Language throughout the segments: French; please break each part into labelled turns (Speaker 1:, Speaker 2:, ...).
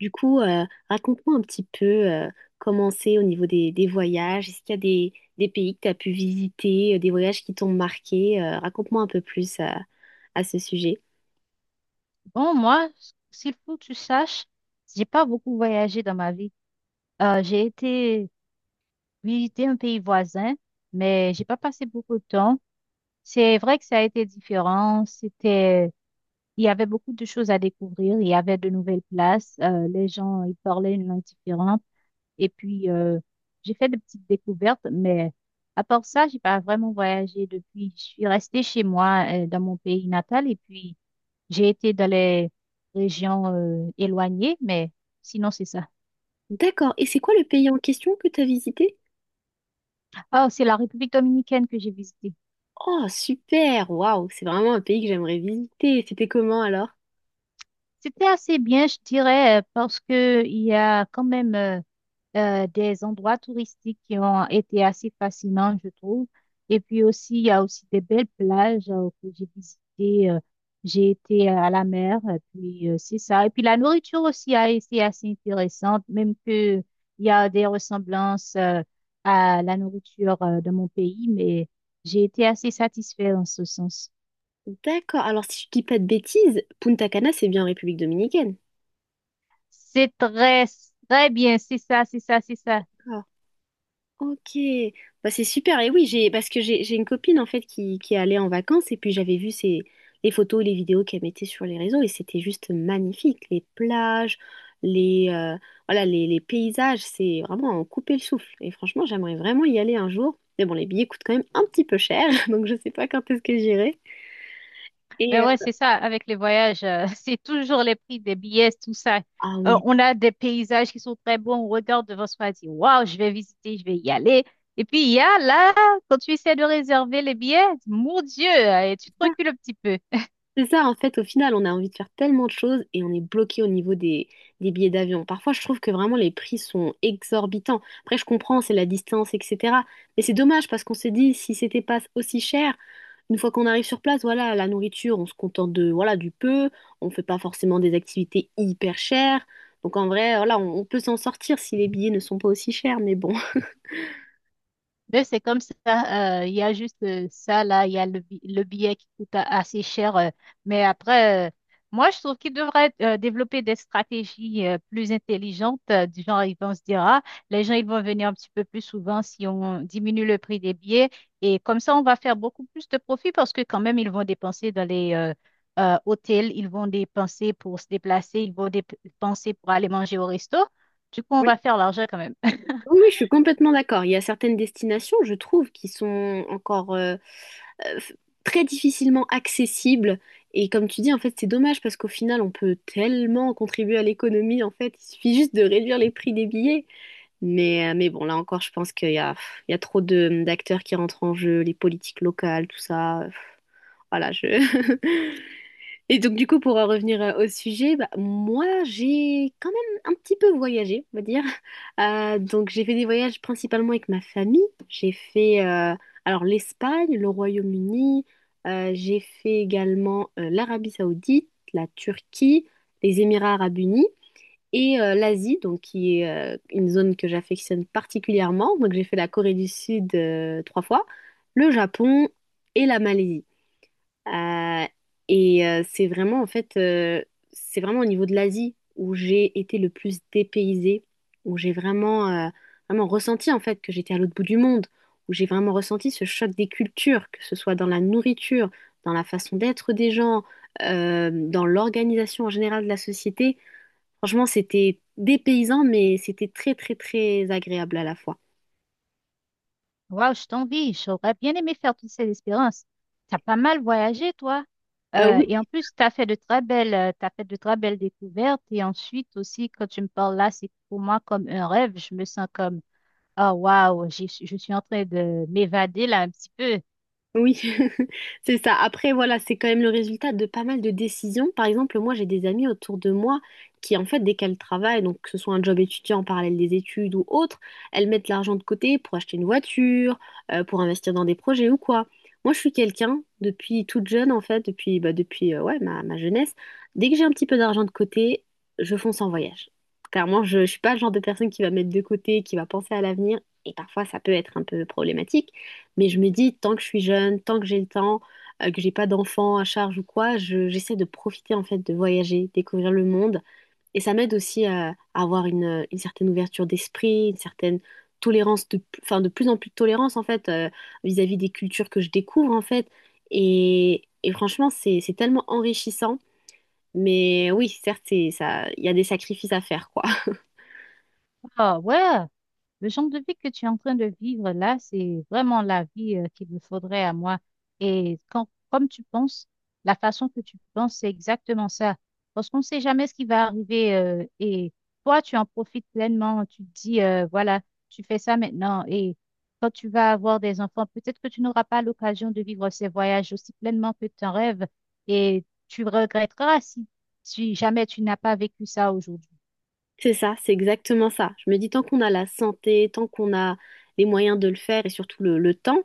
Speaker 1: Du coup, euh, Raconte-moi un petit peu comment c'est au niveau des voyages. Est-ce qu'il y a des pays que tu as pu visiter, des voyages qui t'ont marqué? Raconte-moi un peu plus à ce sujet.
Speaker 2: Bon, moi, s'il faut que tu saches, j'ai pas beaucoup voyagé dans ma vie. J'ai été visiter un pays voisin, mais j'ai pas passé beaucoup de temps. C'est vrai que ça a été différent. C'était, il y avait beaucoup de choses à découvrir. Il y avait de nouvelles places. Les gens, ils parlaient une langue différente. Et puis, j'ai fait de petites découvertes, mais à part ça, j'ai pas vraiment voyagé depuis. Je suis restée chez moi, dans mon pays natal. Et puis, j'ai été dans les régions éloignées, mais sinon c'est ça.
Speaker 1: D'accord. Et c'est quoi le pays en question que tu as visité?
Speaker 2: Ah, c'est la République dominicaine que j'ai visitée.
Speaker 1: Oh, super! Waouh! C'est vraiment un pays que j'aimerais visiter. C'était comment alors?
Speaker 2: C'était assez bien, je dirais, parce que il y a quand même des endroits touristiques qui ont été assez fascinants, je trouve. Et puis aussi, il y a aussi des belles plages que j'ai visitées. J'ai été à la mer, et puis c'est ça. Et puis la nourriture aussi a été assez intéressante, même que il y a des ressemblances à la nourriture de mon pays, mais j'ai été assez satisfaite en ce sens.
Speaker 1: D'accord. Alors, si je dis pas de bêtises, Punta Cana, c'est bien en République dominicaine.
Speaker 2: C'est très, très bien, c'est ça, c'est ça, c'est ça.
Speaker 1: Ah. Ok, bah, c'est super. Et oui, j'ai parce que j'ai une copine en fait qui est allée en vacances et puis j'avais vu les photos, les vidéos qu'elle mettait sur les réseaux et c'était juste magnifique. Les plages, les voilà, les paysages, c'est vraiment à en couper le souffle. Et franchement, j'aimerais vraiment y aller un jour. Mais bon, les billets coûtent quand même un petit peu cher, donc je sais pas quand est-ce que j'irai. Et
Speaker 2: Ben ouais,
Speaker 1: euh,
Speaker 2: c'est ça, avec les voyages, c'est toujours les prix des billets, tout ça.
Speaker 1: ah
Speaker 2: Euh,
Speaker 1: oui.
Speaker 2: on a des paysages qui sont très beaux, on regarde devant soi, on dit, waouh, je vais visiter, je vais y aller. Et puis, il y a là, quand tu essaies de réserver les billets, mon Dieu, et tu te recules un petit peu.
Speaker 1: C'est ça, en fait, au final, on a envie de faire tellement de choses et on est bloqué au niveau des billets d'avion. Parfois, je trouve que vraiment les prix sont exorbitants. Après, je comprends, c'est la distance, etc. Mais c'est dommage parce qu'on se dit, si c'était pas aussi cher, une fois qu'on arrive sur place, voilà, la nourriture, on se contente de, voilà, du peu, on fait pas forcément des activités hyper chères. Donc en vrai, voilà, on peut s'en sortir si les billets ne sont pas aussi chers, mais bon.
Speaker 2: Mais c'est comme ça, il y a juste ça là, il y a le, le billet qui coûte assez cher. Mais après, moi, je trouve qu'ils devraient développer des stratégies plus intelligentes, du genre, ils vont se dire, ah, les gens, ils vont venir un petit peu plus souvent si on diminue le prix des billets. Et comme ça, on va faire beaucoup plus de profit parce que quand même, ils vont dépenser dans les hôtels, ils vont dépenser pour se déplacer, ils vont dépenser pour aller manger au resto. Du coup, on va faire l'argent quand même.
Speaker 1: Oui, oui, je suis complètement d'accord. Il y a certaines destinations, je trouve, qui sont encore euh, f- très difficilement accessibles. Et comme tu dis, en fait, c'est dommage parce qu'au final, on peut tellement contribuer à l'économie. En fait, il suffit juste de réduire les prix des billets. Mais bon, là encore, je pense qu'il y a, pff, il y a trop d'acteurs qui rentrent en jeu, les politiques locales, tout ça. Pff. Voilà, je... Et donc, du coup, pour en revenir au sujet, bah, moi, j'ai quand même un petit peu voyagé, on va dire. Donc, j'ai fait des voyages principalement avec ma famille. J'ai fait, alors, l'Espagne, le Royaume-Uni. J'ai fait également l'Arabie Saoudite, la Turquie, les Émirats Arabes Unis et l'Asie, donc qui est une zone que j'affectionne particulièrement. Donc, j'ai fait la Corée du Sud trois fois, le Japon et la Malaisie. Euh, et euh, c'est vraiment, en fait, euh, c'est vraiment au niveau de l'Asie où j'ai été le plus dépaysée, où j'ai vraiment ressenti, en fait, que j'étais à l'autre bout du monde, où j'ai vraiment ressenti ce choc des cultures, que ce soit dans la nourriture, dans la façon d'être des gens, dans l'organisation en général de la société. Franchement, c'était dépaysant, mais c'était très, très, très agréable à la fois.
Speaker 2: Waouh, je t'envie. J'aurais bien aimé faire toute cette expérience. T'as pas mal voyagé, toi. Et en
Speaker 1: Oui,
Speaker 2: plus, t'as fait de très belles découvertes. Et ensuite aussi, quand tu me parles là, c'est pour moi comme un rêve. Je me sens comme, oh waouh, je suis en train de m'évader là un petit peu.
Speaker 1: oui, c'est ça. Après, voilà, c'est quand même le résultat de pas mal de décisions. Par exemple, moi, j'ai des amis autour de moi qui, en fait, dès qu'elles travaillent, donc que ce soit un job étudiant en parallèle des études ou autre, elles mettent l'argent de côté pour acheter une voiture, pour investir dans des projets ou quoi. Moi, je suis quelqu'un, depuis toute jeune, en fait, depuis, bah, depuis ouais, ma jeunesse, dès que j'ai un petit peu d'argent de côté, je fonce en voyage. Clairement, je ne suis pas le genre de personne qui va mettre de côté, qui va penser à l'avenir, et parfois, ça peut être un peu problématique. Mais je me dis, tant que je suis jeune, tant que j'ai le temps, que j'ai pas d'enfants à charge ou quoi, j'essaie de profiter en fait de voyager, découvrir le monde. Et ça m'aide aussi à avoir une certaine ouverture d'esprit, une certaine enfin de plus en plus de tolérance en fait vis-à-vis des cultures que je découvre en fait. Et franchement, c'est tellement enrichissant. Mais oui, certes, ça, il y a des sacrifices à faire, quoi.
Speaker 2: Oh ouais. Le genre de vie que tu es en train de vivre là, c'est vraiment la vie qu'il me faudrait à moi. Et quand, comme tu penses, la façon que tu penses, c'est exactement ça. Parce qu'on ne sait jamais ce qui va arriver. Et toi, tu en profites pleinement. Tu te dis, voilà, tu fais ça maintenant. Et quand tu vas avoir des enfants, peut-être que tu n'auras pas l'occasion de vivre ces voyages aussi pleinement que tu en rêves. Et tu regretteras si, si jamais tu n'as pas vécu ça aujourd'hui.
Speaker 1: C'est ça, c'est exactement ça. Je me dis, tant qu'on a la santé, tant qu'on a les moyens de le faire et surtout le temps,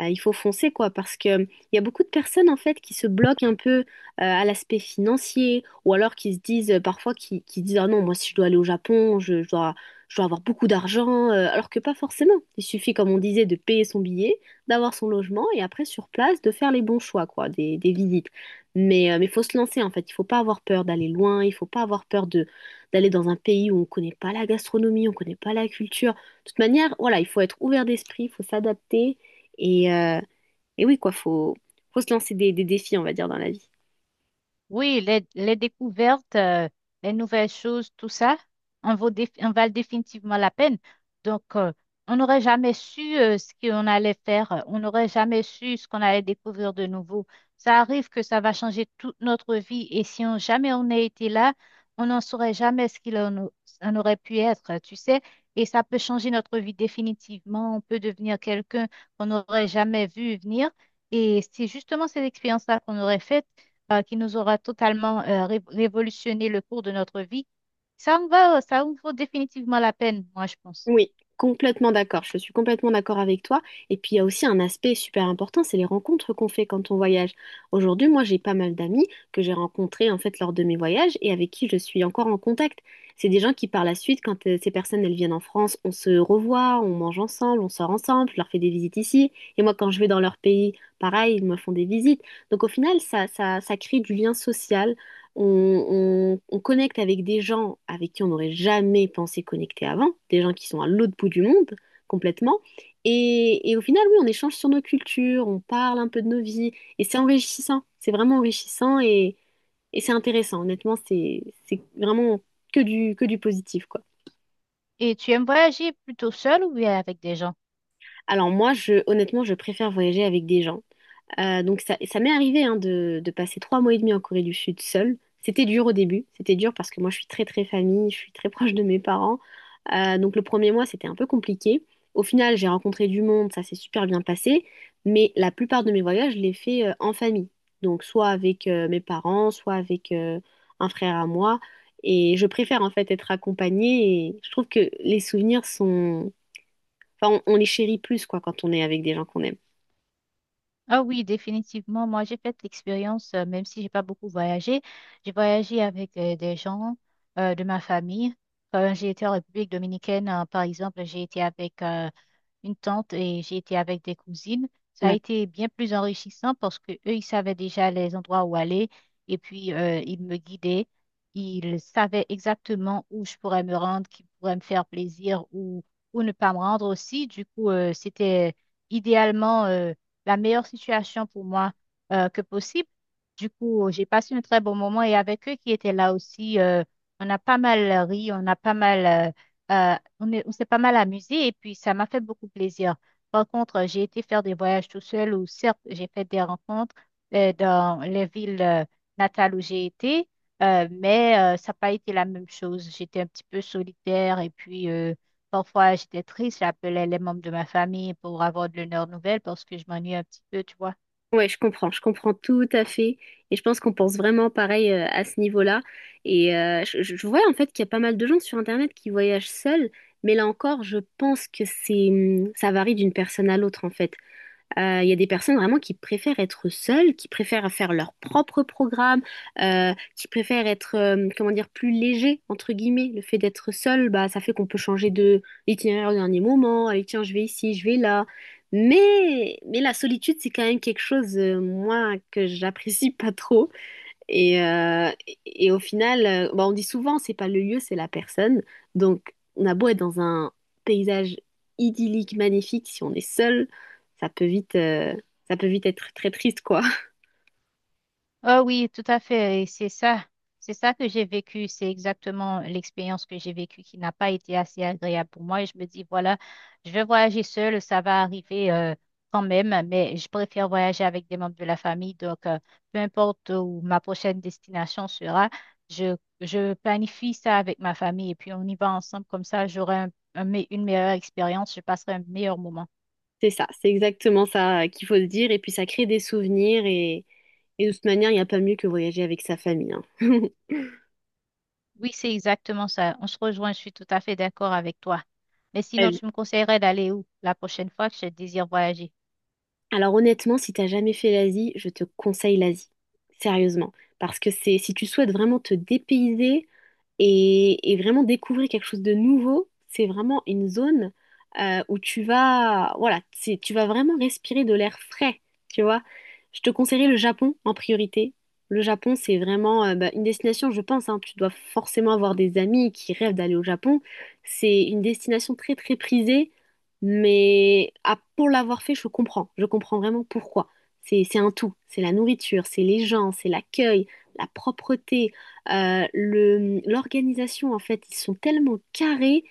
Speaker 1: il faut foncer, quoi, parce que il y a beaucoup de personnes, en fait, qui se bloquent un peu à l'aspect financier ou alors qui se disent, parfois, qui disent, ah non, moi, si je dois aller au Japon, je dois avoir beaucoup d'argent, alors que pas forcément. Il suffit, comme on disait, de payer son billet, d'avoir son logement et après, sur place, de faire les bons choix, quoi, des visites. Mais faut se lancer, en fait. Il faut pas avoir peur d'aller loin, il faut pas avoir peur de d'aller dans un pays où on ne connaît pas la gastronomie, on ne connaît pas la culture. De toute manière, voilà, il faut être ouvert d'esprit, il faut s'adapter. Et, euh, et oui, quoi, faut se lancer des défis, on va dire, dans la vie.
Speaker 2: Oui, les découvertes, les nouvelles choses, tout ça, en valent définitivement la peine. Donc, on n'aurait jamais su ce qu'on allait faire, on n'aurait jamais su ce qu'on allait découvrir de nouveau. Ça arrive que ça va changer toute notre vie et si on, jamais on a été là, on n'en saurait jamais ce qu'il en, au- en aurait pu être, tu sais, et ça peut changer notre vie définitivement. On peut devenir quelqu'un qu'on n'aurait jamais vu venir. Et c'est justement ces expériences-là qu'on aurait faites qui nous aura totalement révolutionné le cours de notre vie, ça en vaut définitivement la peine, moi, je pense.
Speaker 1: Oui, complètement d'accord. Je suis complètement d'accord avec toi. Et puis il y a aussi un aspect super important, c'est les rencontres qu'on fait quand on voyage. Aujourd'hui, moi, j'ai pas mal d'amis que j'ai rencontrés en fait lors de mes voyages et avec qui je suis encore en contact. C'est des gens qui par la suite, quand ces personnes elles viennent en France, on se revoit, on mange ensemble, on sort ensemble, je leur fais des visites ici. Et moi, quand je vais dans leur pays, pareil, ils me font des visites. Donc au final, ça crée du lien social. On connecte avec des gens avec qui on n'aurait jamais pensé connecter avant, des gens qui sont à l'autre bout du monde complètement. Et au final, oui, on échange sur nos cultures, on parle un peu de nos vies, et c'est enrichissant, c'est vraiment enrichissant et c'est intéressant. Honnêtement, c'est vraiment que du positif, quoi.
Speaker 2: Et tu aimes voyager plutôt seul ou bien avec des gens?
Speaker 1: Alors moi, honnêtement, je préfère voyager avec des gens. Donc ça m'est arrivé hein, de passer trois mois et demi en Corée du Sud seule. C'était dur au début, c'était dur parce que moi je suis très très famille, je suis très proche de mes parents. Donc le premier mois c'était un peu compliqué. Au final j'ai rencontré du monde, ça s'est super bien passé, mais la plupart de mes voyages je les fais en famille. Donc soit avec mes parents, soit avec un frère à moi. Et je préfère en fait être accompagnée et je trouve que les souvenirs sont... Enfin on les chérit plus quoi quand on est avec des gens qu'on aime.
Speaker 2: Ah oui, définitivement. Moi, j'ai fait l'expérience, même si j'ai pas beaucoup voyagé, j'ai voyagé avec des gens de ma famille. Quand j'ai été en République dominicaine, par exemple, j'ai été avec une tante et j'ai été avec des cousines. Ça a été bien plus enrichissant parce que eux, ils savaient déjà les endroits où aller et puis ils me guidaient. Ils savaient exactement où je pourrais me rendre, qui pourrait me faire plaisir ou ne pas me rendre aussi. Du coup, c'était idéalement la meilleure situation pour moi que possible. Du coup, j'ai passé un très bon moment et avec eux qui étaient là aussi, on a pas mal ri, on s'est pas mal amusé et puis ça m'a fait beaucoup plaisir. Par contre, j'ai été faire des voyages tout seul où certes, j'ai fait des rencontres dans les villes natales où j'ai été, mais ça n'a pas été la même chose. J'étais un petit peu solitaire et puis parfois j'étais triste. J'appelais les membres de ma famille pour avoir de l'honneur nouvelle parce que je m'ennuie un petit peu, tu vois.
Speaker 1: Ouais, je comprends tout à fait. Et je pense qu'on pense vraiment pareil à ce niveau-là. Je vois en fait qu'il y a pas mal de gens sur Internet qui voyagent seuls, mais là encore, je pense que ça varie d'une personne à l'autre en fait. Il y a des personnes vraiment qui préfèrent être seules, qui préfèrent faire leur propre programme, qui préfèrent être, comment dire, plus léger, entre guillemets. Le fait d'être seul, bah, ça fait qu'on peut changer de l'itinéraire au dernier moment. Allez, tiens, je vais ici, je vais là. Mais la solitude, c'est quand même quelque chose, moi, que j'apprécie pas trop. Et au final, bah, on dit souvent, c'est pas le lieu, c'est la personne. Donc, on a beau être dans un paysage idyllique, magnifique, si on est seul, ça peut vite, euh, ça peut vite être très triste, quoi.
Speaker 2: Ah oui, tout à fait. Et c'est ça. C'est ça que j'ai vécu. C'est exactement l'expérience que j'ai vécue qui n'a pas été assez agréable pour moi. Et je me dis, voilà, je vais voyager seule, ça va arriver quand même, mais je préfère voyager avec des membres de la famille. Donc, peu importe où ma prochaine destination sera, je planifie ça avec ma famille et puis on y va ensemble. Comme ça, j'aurai une meilleure expérience, je passerai un meilleur moment.
Speaker 1: C'est ça, c'est exactement ça qu'il faut se dire. Et puis, ça crée des souvenirs. Et de toute manière, il n'y a pas mieux que voyager avec sa famille, hein.
Speaker 2: Oui, c'est exactement ça. On se rejoint, je suis tout à fait d'accord avec toi. Mais sinon,
Speaker 1: Euh,
Speaker 2: tu me conseillerais d'aller où la prochaine fois que je désire voyager?
Speaker 1: Alors, honnêtement, si t'as jamais fait l'Asie, je te conseille l'Asie. Sérieusement. Parce que si tu souhaites vraiment te dépayser, et vraiment découvrir quelque chose de nouveau, c'est vraiment une zone où tu vas, voilà, tu vas vraiment respirer de l'air frais, tu vois. Je te conseillerais le Japon en priorité. Le Japon, c'est vraiment bah, une destination, je pense, hein, tu dois forcément avoir des amis qui rêvent d'aller au Japon. C'est une destination très, très prisée, mais ah, pour l'avoir fait, je comprends. Je comprends vraiment pourquoi. C'est un tout. C'est la nourriture, c'est les gens, c'est l'accueil, la propreté. L'organisation, en fait, ils sont tellement carrés,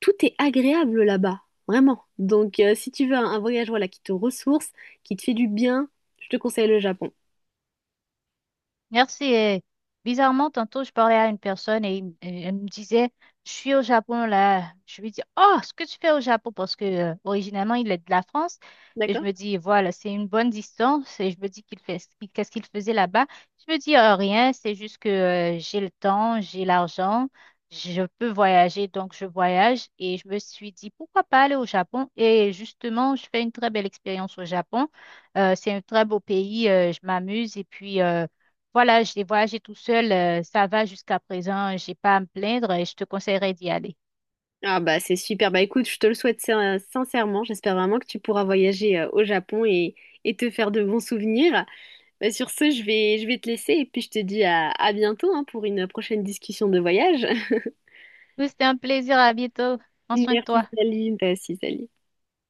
Speaker 1: tout est agréable là-bas, vraiment. Donc, si tu veux un voyage voilà, qui te ressource, qui te fait du bien, je te conseille le Japon.
Speaker 2: Merci. Et bizarrement, tantôt, je parlais à une personne et, il et elle me disait, je suis au Japon là. Je lui dis, oh, ce que tu fais au Japon, parce que originalement, il est de la France. Et je
Speaker 1: D'accord?
Speaker 2: me dis, voilà, c'est une bonne distance. Et je me dis qu'est-ce qu'il faisait là-bas? Je me dis, rien, c'est juste que j'ai le temps, j'ai l'argent, je peux voyager, donc je voyage. Et je me suis dit, pourquoi pas aller au Japon? Et justement, je fais une très belle expérience au Japon. C'est un très beau pays, je m'amuse et puis voilà, j'ai voyagé tout seul, ça va jusqu'à présent, j'ai pas à me plaindre et je te conseillerais d'y aller.
Speaker 1: Ah bah c'est super, bah écoute, je te le souhaite sincèrement, j'espère vraiment que tu pourras voyager au Japon et te faire de bons souvenirs. Bah, sur ce, je vais te laisser et puis je te dis à bientôt hein, pour une prochaine discussion de voyage.
Speaker 2: Oui, c'était un plaisir, à bientôt. Prends soin de
Speaker 1: Merci
Speaker 2: toi.
Speaker 1: Saline, toi aussi Saline.